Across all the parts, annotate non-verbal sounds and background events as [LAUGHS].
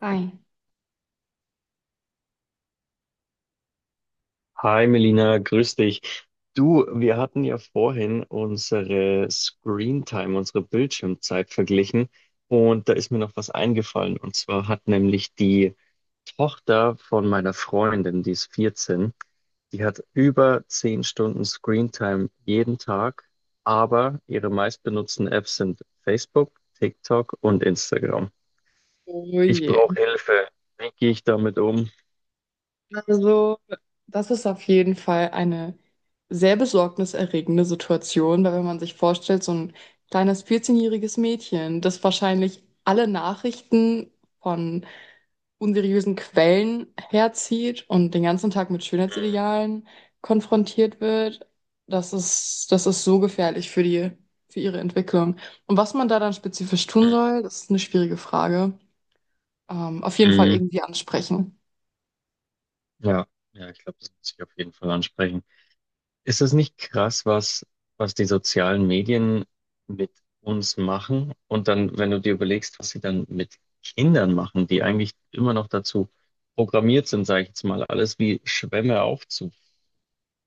Ei. Hi Melina, grüß dich. Du, wir hatten ja vorhin unsere Screen Time, unsere Bildschirmzeit verglichen und da ist mir noch was eingefallen und zwar hat nämlich die Tochter von meiner Freundin, die ist 14. Die hat über 10 Stunden Screen Time jeden Tag, aber ihre meistbenutzten Apps sind Facebook, TikTok und Instagram. Oh Ich je. brauche Hilfe. Wie gehe ich damit um? Also, das ist auf jeden Fall eine sehr besorgniserregende Situation, weil wenn man sich vorstellt, so ein kleines 14-jähriges-jähriges Mädchen, das wahrscheinlich alle Nachrichten von unseriösen Quellen herzieht und den ganzen Tag mit Schönheitsidealen konfrontiert wird, das ist so gefährlich für für ihre Entwicklung. Und was man da dann spezifisch tun soll, das ist eine schwierige Frage. Auf jeden Fall Mm, mm, irgendwie ansprechen. Ja, ja, ich glaube, das muss ich auf jeden Fall ansprechen. Ist das nicht krass was die sozialen Medien mit uns machen? Und dann, wenn du dir überlegst, was sie dann mit Kindern machen, die eigentlich immer noch dazu programmiert sind, sage ich jetzt mal, alles wie Schwämme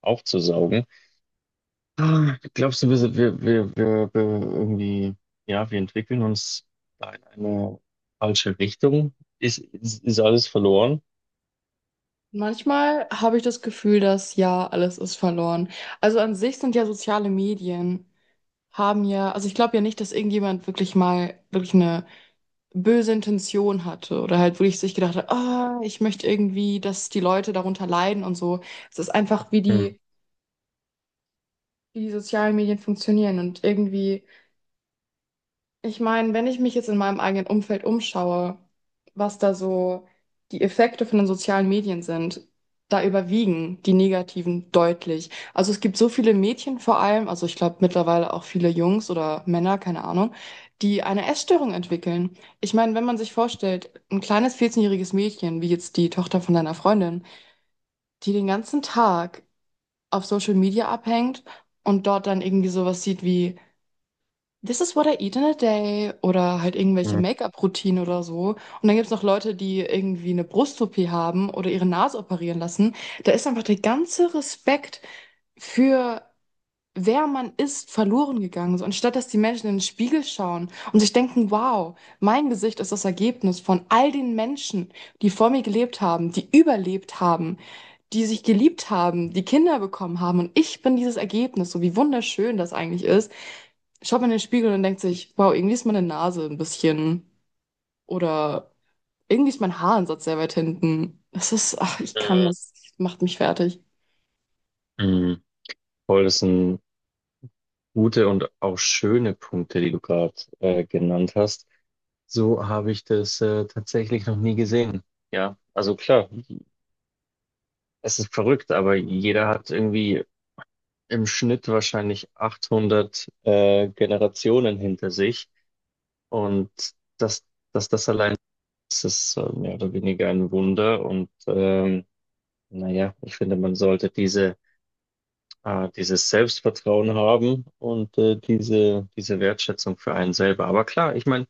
aufzusaugen. Glaubst du, wir, sind- wir irgendwie, ja, wir entwickeln uns da in eine falsche Richtung? Ist alles verloren? Manchmal habe ich das Gefühl, dass ja, alles ist verloren. Also an sich sind ja soziale Medien, haben ja, also ich glaube ja nicht, dass irgendjemand wirklich mal wirklich eine böse Intention hatte oder halt wirklich sich gedacht hat, ah, ich möchte irgendwie, dass die Leute darunter leiden und so. Es ist einfach, Hm, wie die sozialen Medien funktionieren und irgendwie. Ich meine, wenn ich mich jetzt in meinem eigenen Umfeld umschaue, was da so die Effekte von den sozialen Medien sind, da überwiegen die negativen deutlich. Also es gibt so viele Mädchen vor allem, also ich glaube mittlerweile auch viele Jungs oder Männer, keine Ahnung, die eine Essstörung entwickeln. Ich meine, wenn man sich vorstellt, ein kleines 14-jähriges-jähriges Mädchen, wie jetzt die Tochter von deiner Freundin, die den ganzen Tag auf Social Media abhängt und dort dann irgendwie sowas sieht wie This is what I eat in a day oder halt irgendwelche hm, Make-up-Routinen oder so. Und dann gibt es noch Leute, die irgendwie eine Brust-OP haben oder ihre Nase operieren lassen. Da ist einfach der ganze Respekt für wer man ist verloren gegangen. So, anstatt dass die Menschen in den Spiegel schauen und sich denken, wow, mein Gesicht ist das Ergebnis von all den Menschen, die vor mir gelebt haben, die überlebt haben, die sich geliebt haben, die Kinder bekommen haben und ich bin dieses Ergebnis, so wie wunderschön das eigentlich ist, schaut man in den Spiegel und denkt sich, wow, irgendwie ist meine Nase ein bisschen oder irgendwie ist mein Haaransatz sehr weit hinten. Das ist, ach, ich kann hm, das, macht mich fertig. hm. Voll, das ist ein gute und auch schöne Punkte, die du gerade genannt hast. So habe ich das tatsächlich noch nie gesehen. Ja, also klar, es ist verrückt, aber jeder hat irgendwie im Schnitt wahrscheinlich 800 Generationen hinter sich. Und dass, dass das allein ist mehr oder weniger ein Wunder. Und naja, ich finde, man sollte dieses Selbstvertrauen haben und diese, diese Wertschätzung für einen selber. Aber klar, ich meine,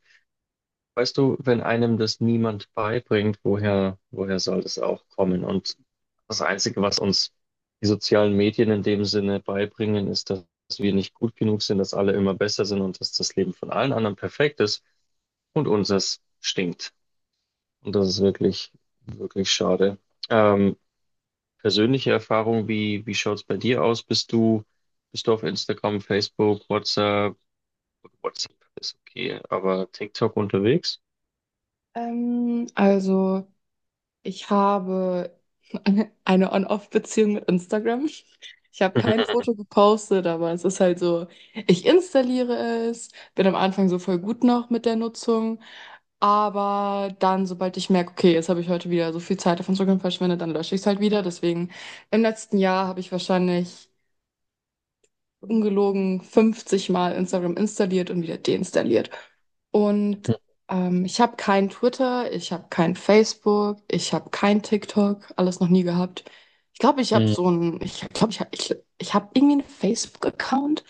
weißt du, wenn einem das niemand beibringt, woher soll das auch kommen? Und das Einzige, was uns die sozialen Medien in dem Sinne beibringen, ist, dass wir nicht gut genug sind, dass alle immer besser sind und dass das Leben von allen anderen perfekt ist und unseres stinkt. Und das ist wirklich schade. Ähm, Persönliche Erfahrung, wie schaut's bei dir aus? Bist du auf Instagram, Facebook, WhatsApp? WhatsApp ist okay, aber TikTok unterwegs? Ähm, also, Ich habe eine On-Off-Beziehung mit Instagram. Ich habe kein Foto gepostet, aber es ist halt so, ich installiere es, bin am Anfang so voll gut noch mit der Nutzung, aber dann, sobald ich merke, okay, jetzt habe ich heute wieder so viel Zeit auf Instagram verschwendet, dann lösche ich es halt wieder. Deswegen, im letzten Jahr habe ich wahrscheinlich ungelogen 50 Mal Instagram installiert und wieder deinstalliert. Und [LAUGHS] ich habe kein Twitter, ich habe kein Facebook, ich habe kein TikTok, alles noch nie gehabt. Ich glaube, ich habe so ein, ich glaube, ich habe ich, ich hab irgendwie einen Facebook-Account,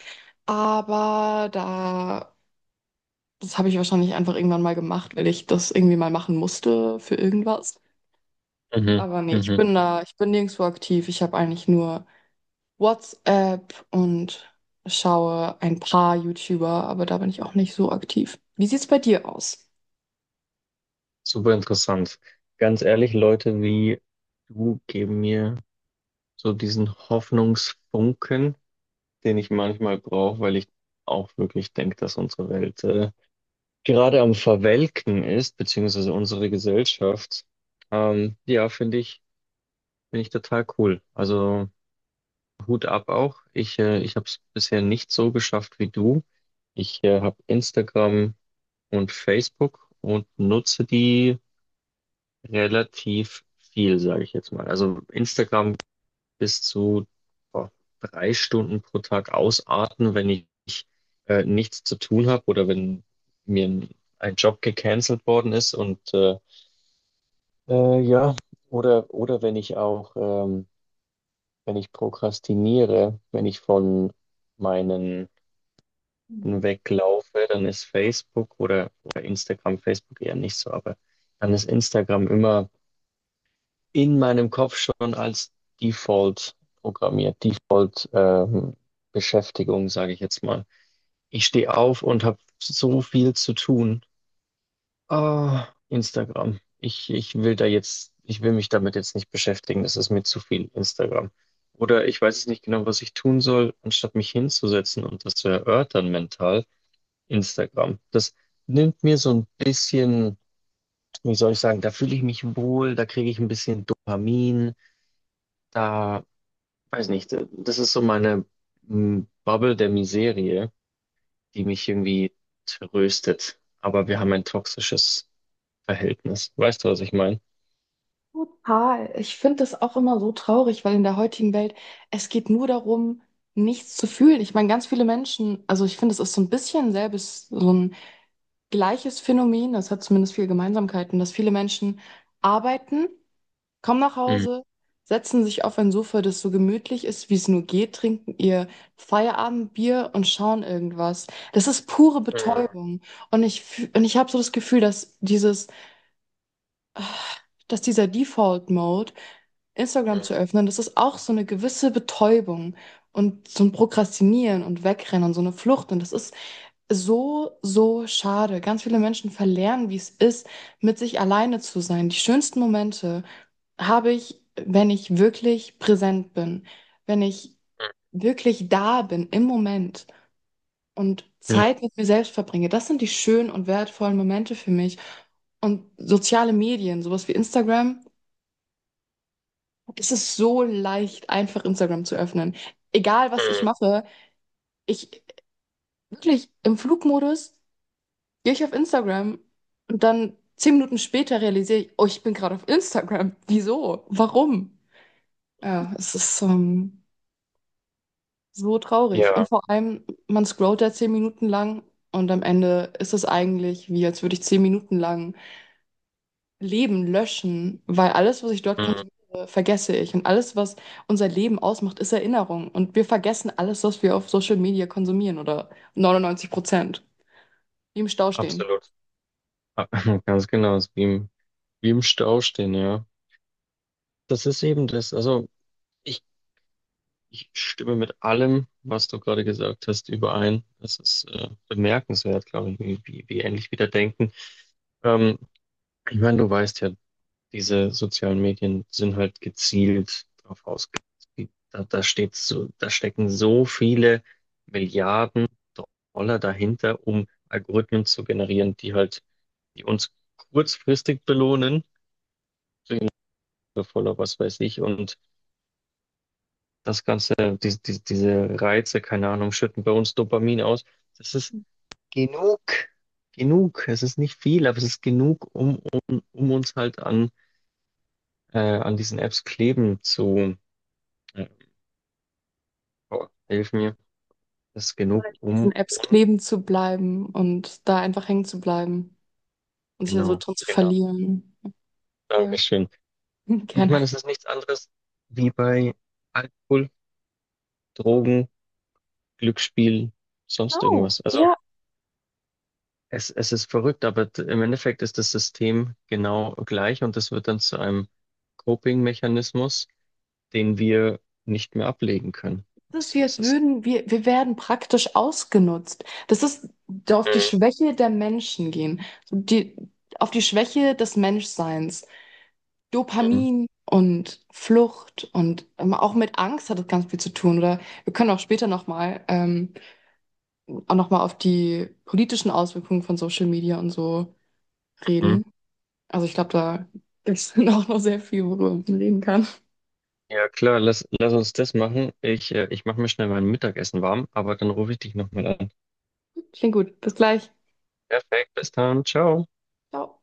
aber da, das habe ich wahrscheinlich einfach irgendwann mal gemacht, weil ich das irgendwie mal machen musste für irgendwas. Mhm, Aber nee, mhm. Ich bin nirgendwo aktiv. Ich habe eigentlich nur WhatsApp und schaue ein paar YouTuber, aber da bin ich auch nicht so aktiv. Wie sieht's bei dir aus? Super interessant. Ganz ehrlich, Leute wie du geben mir so diesen Hoffnungsfunken, den ich manchmal brauche, weil ich auch wirklich denke, dass unsere Welt gerade am Verwelken ist, beziehungsweise unsere Gesellschaft. Ja, finde ich total cool. Also Hut ab auch. Ich habe es bisher nicht so geschafft wie du. Ich habe Instagram und Facebook und nutze die relativ viel, sage ich jetzt mal. Also Instagram bis zu boah, 3 Stunden pro Tag ausarten, wenn ich nichts zu tun habe oder wenn mir ein Job gecancelt worden ist und ja, oder wenn ich auch wenn ich prokrastiniere, wenn ich von meinen weglaufe, dann ist Facebook oder Instagram, Facebook eher nicht so, aber dann ist Instagram immer in meinem Kopf schon als Default programmiert, Default Beschäftigung, sage ich jetzt mal. Ich stehe auf und habe so viel zu tun. Ah, Instagram. Ich will da jetzt, ich will mich damit jetzt nicht beschäftigen. Das ist mir zu viel Instagram. Oder ich weiß es nicht genau, was ich tun soll, anstatt mich hinzusetzen und das zu erörtern mental. Instagram. Das nimmt mir so ein bisschen, wie soll ich sagen, da fühle ich mich wohl, da kriege ich ein bisschen Dopamin, da weiß nicht, das ist so meine Bubble der Miserie, die mich irgendwie tröstet. Aber wir haben ein toxisches Verhältnis. Weißt du, was ich meine? Total. Ich finde das auch immer so traurig, weil in der heutigen Welt, es geht nur darum, nichts zu fühlen. Ich meine, ganz viele Menschen, also ich finde, es ist so ein bisschen selbes, so ein gleiches Phänomen, das hat zumindest viele Gemeinsamkeiten, dass viele Menschen arbeiten, kommen nach Mhm. Hause, setzen sich auf ein Sofa, das so gemütlich ist, wie es nur geht, trinken ihr Feierabendbier und schauen irgendwas. Das ist pure Mhm. Betäubung. Und ich habe so das Gefühl, dass dieses dass dieser Default Mode, Instagram zu öffnen, das ist auch so eine gewisse Betäubung und so ein Prokrastinieren und Wegrennen und so eine Flucht. Und das ist so, so schade. Ganz viele Menschen verlernen, wie es ist, mit sich alleine zu sein. Die schönsten Momente habe ich, wenn ich wirklich präsent bin, wenn ich wirklich da bin im Moment und Mhm. Ja, Zeit mit mir selbst verbringe. Das sind die schönen und wertvollen Momente für mich. Und soziale Medien, sowas wie Instagram, es ist so leicht, einfach Instagram zu öffnen. Egal, was ich Mhm. mache, ich wirklich im Flugmodus gehe ich auf Instagram und dann zehn Minuten später realisiere ich, oh, ich bin gerade auf Instagram. [LAUGHS] Wieso? Warum? Ja, es ist so traurig. Und ja, vor allem, man scrollt da zehn Minuten lang und am Ende ist es eigentlich wie, als würde ich zehn Minuten lang Leben löschen, weil alles, was ich dort Mhm. konsumiere, vergesse ich. Und alles, was unser Leben ausmacht, ist Erinnerung. Und wir vergessen alles, was wir auf Social Media konsumieren oder 99%. Wie im Stau stehen. absolut. Ah, [LAUGHS] Ganz genau, ist wie wie im Stau stehen, ja. Das ist eben das. Also ich, ich stimme mit allem, was du gerade gesagt hast, überein. Es ist bemerkenswert, glaube ich, wie ähnlich wir da denken. Ähm, ich meine, du weißt ja, diese sozialen Medien sind halt gezielt darauf ausgelegt. Da steht so, da stecken so viele Milliarden Dollar dahinter, um Algorithmen zu generieren, die halt, die uns kurzfristig belohnen, voller was weiß ich, und das Ganze, diese Reize, keine Ahnung, schütten bei uns Dopamin aus. Das ist genug, genug. Es ist nicht viel, aber es ist genug, um uns halt an diesen Apps kleben äh, Oh, hilf mir. Das ist Nur genug an um diesen Apps und kleben zu bleiben und da einfach hängen zu bleiben und sich da so genau, drin zu genau. verlieren. Voll. Dankeschön. [LAUGHS] Und ich Gerne. meine, es ist nichts anderes wie bei Alkohol, Drogen, Glücksspiel, sonst Oh, irgendwas. Also es ist verrückt, aber im Endeffekt ist das System genau gleich und das wird dann zu einem Coping-Mechanismus, den wir nicht mehr ablegen können. das ist, Weißt du, wie als das ist. würden wir, wir werden praktisch ausgenutzt. Das ist auf die Mhm. Schwäche der Menschen gehen. So die, auf die Schwäche des Menschseins. Mhm. Dopamin und Flucht und auch mit Angst hat das ganz viel zu tun. Oder wir können auch später nochmal auch noch mal auf die politischen Auswirkungen von Social Media und so Mhm. reden. Also ich glaube, da gibt es [LAUGHS] dann auch noch sehr viel, worüber man reden kann. Ja klar, lass uns das machen. Ich mache mir schnell mein Mittagessen warm, aber dann rufe ich dich nochmal an. Klingt gut. Bis gleich. Perfekt, bis dann, ciao. Ciao.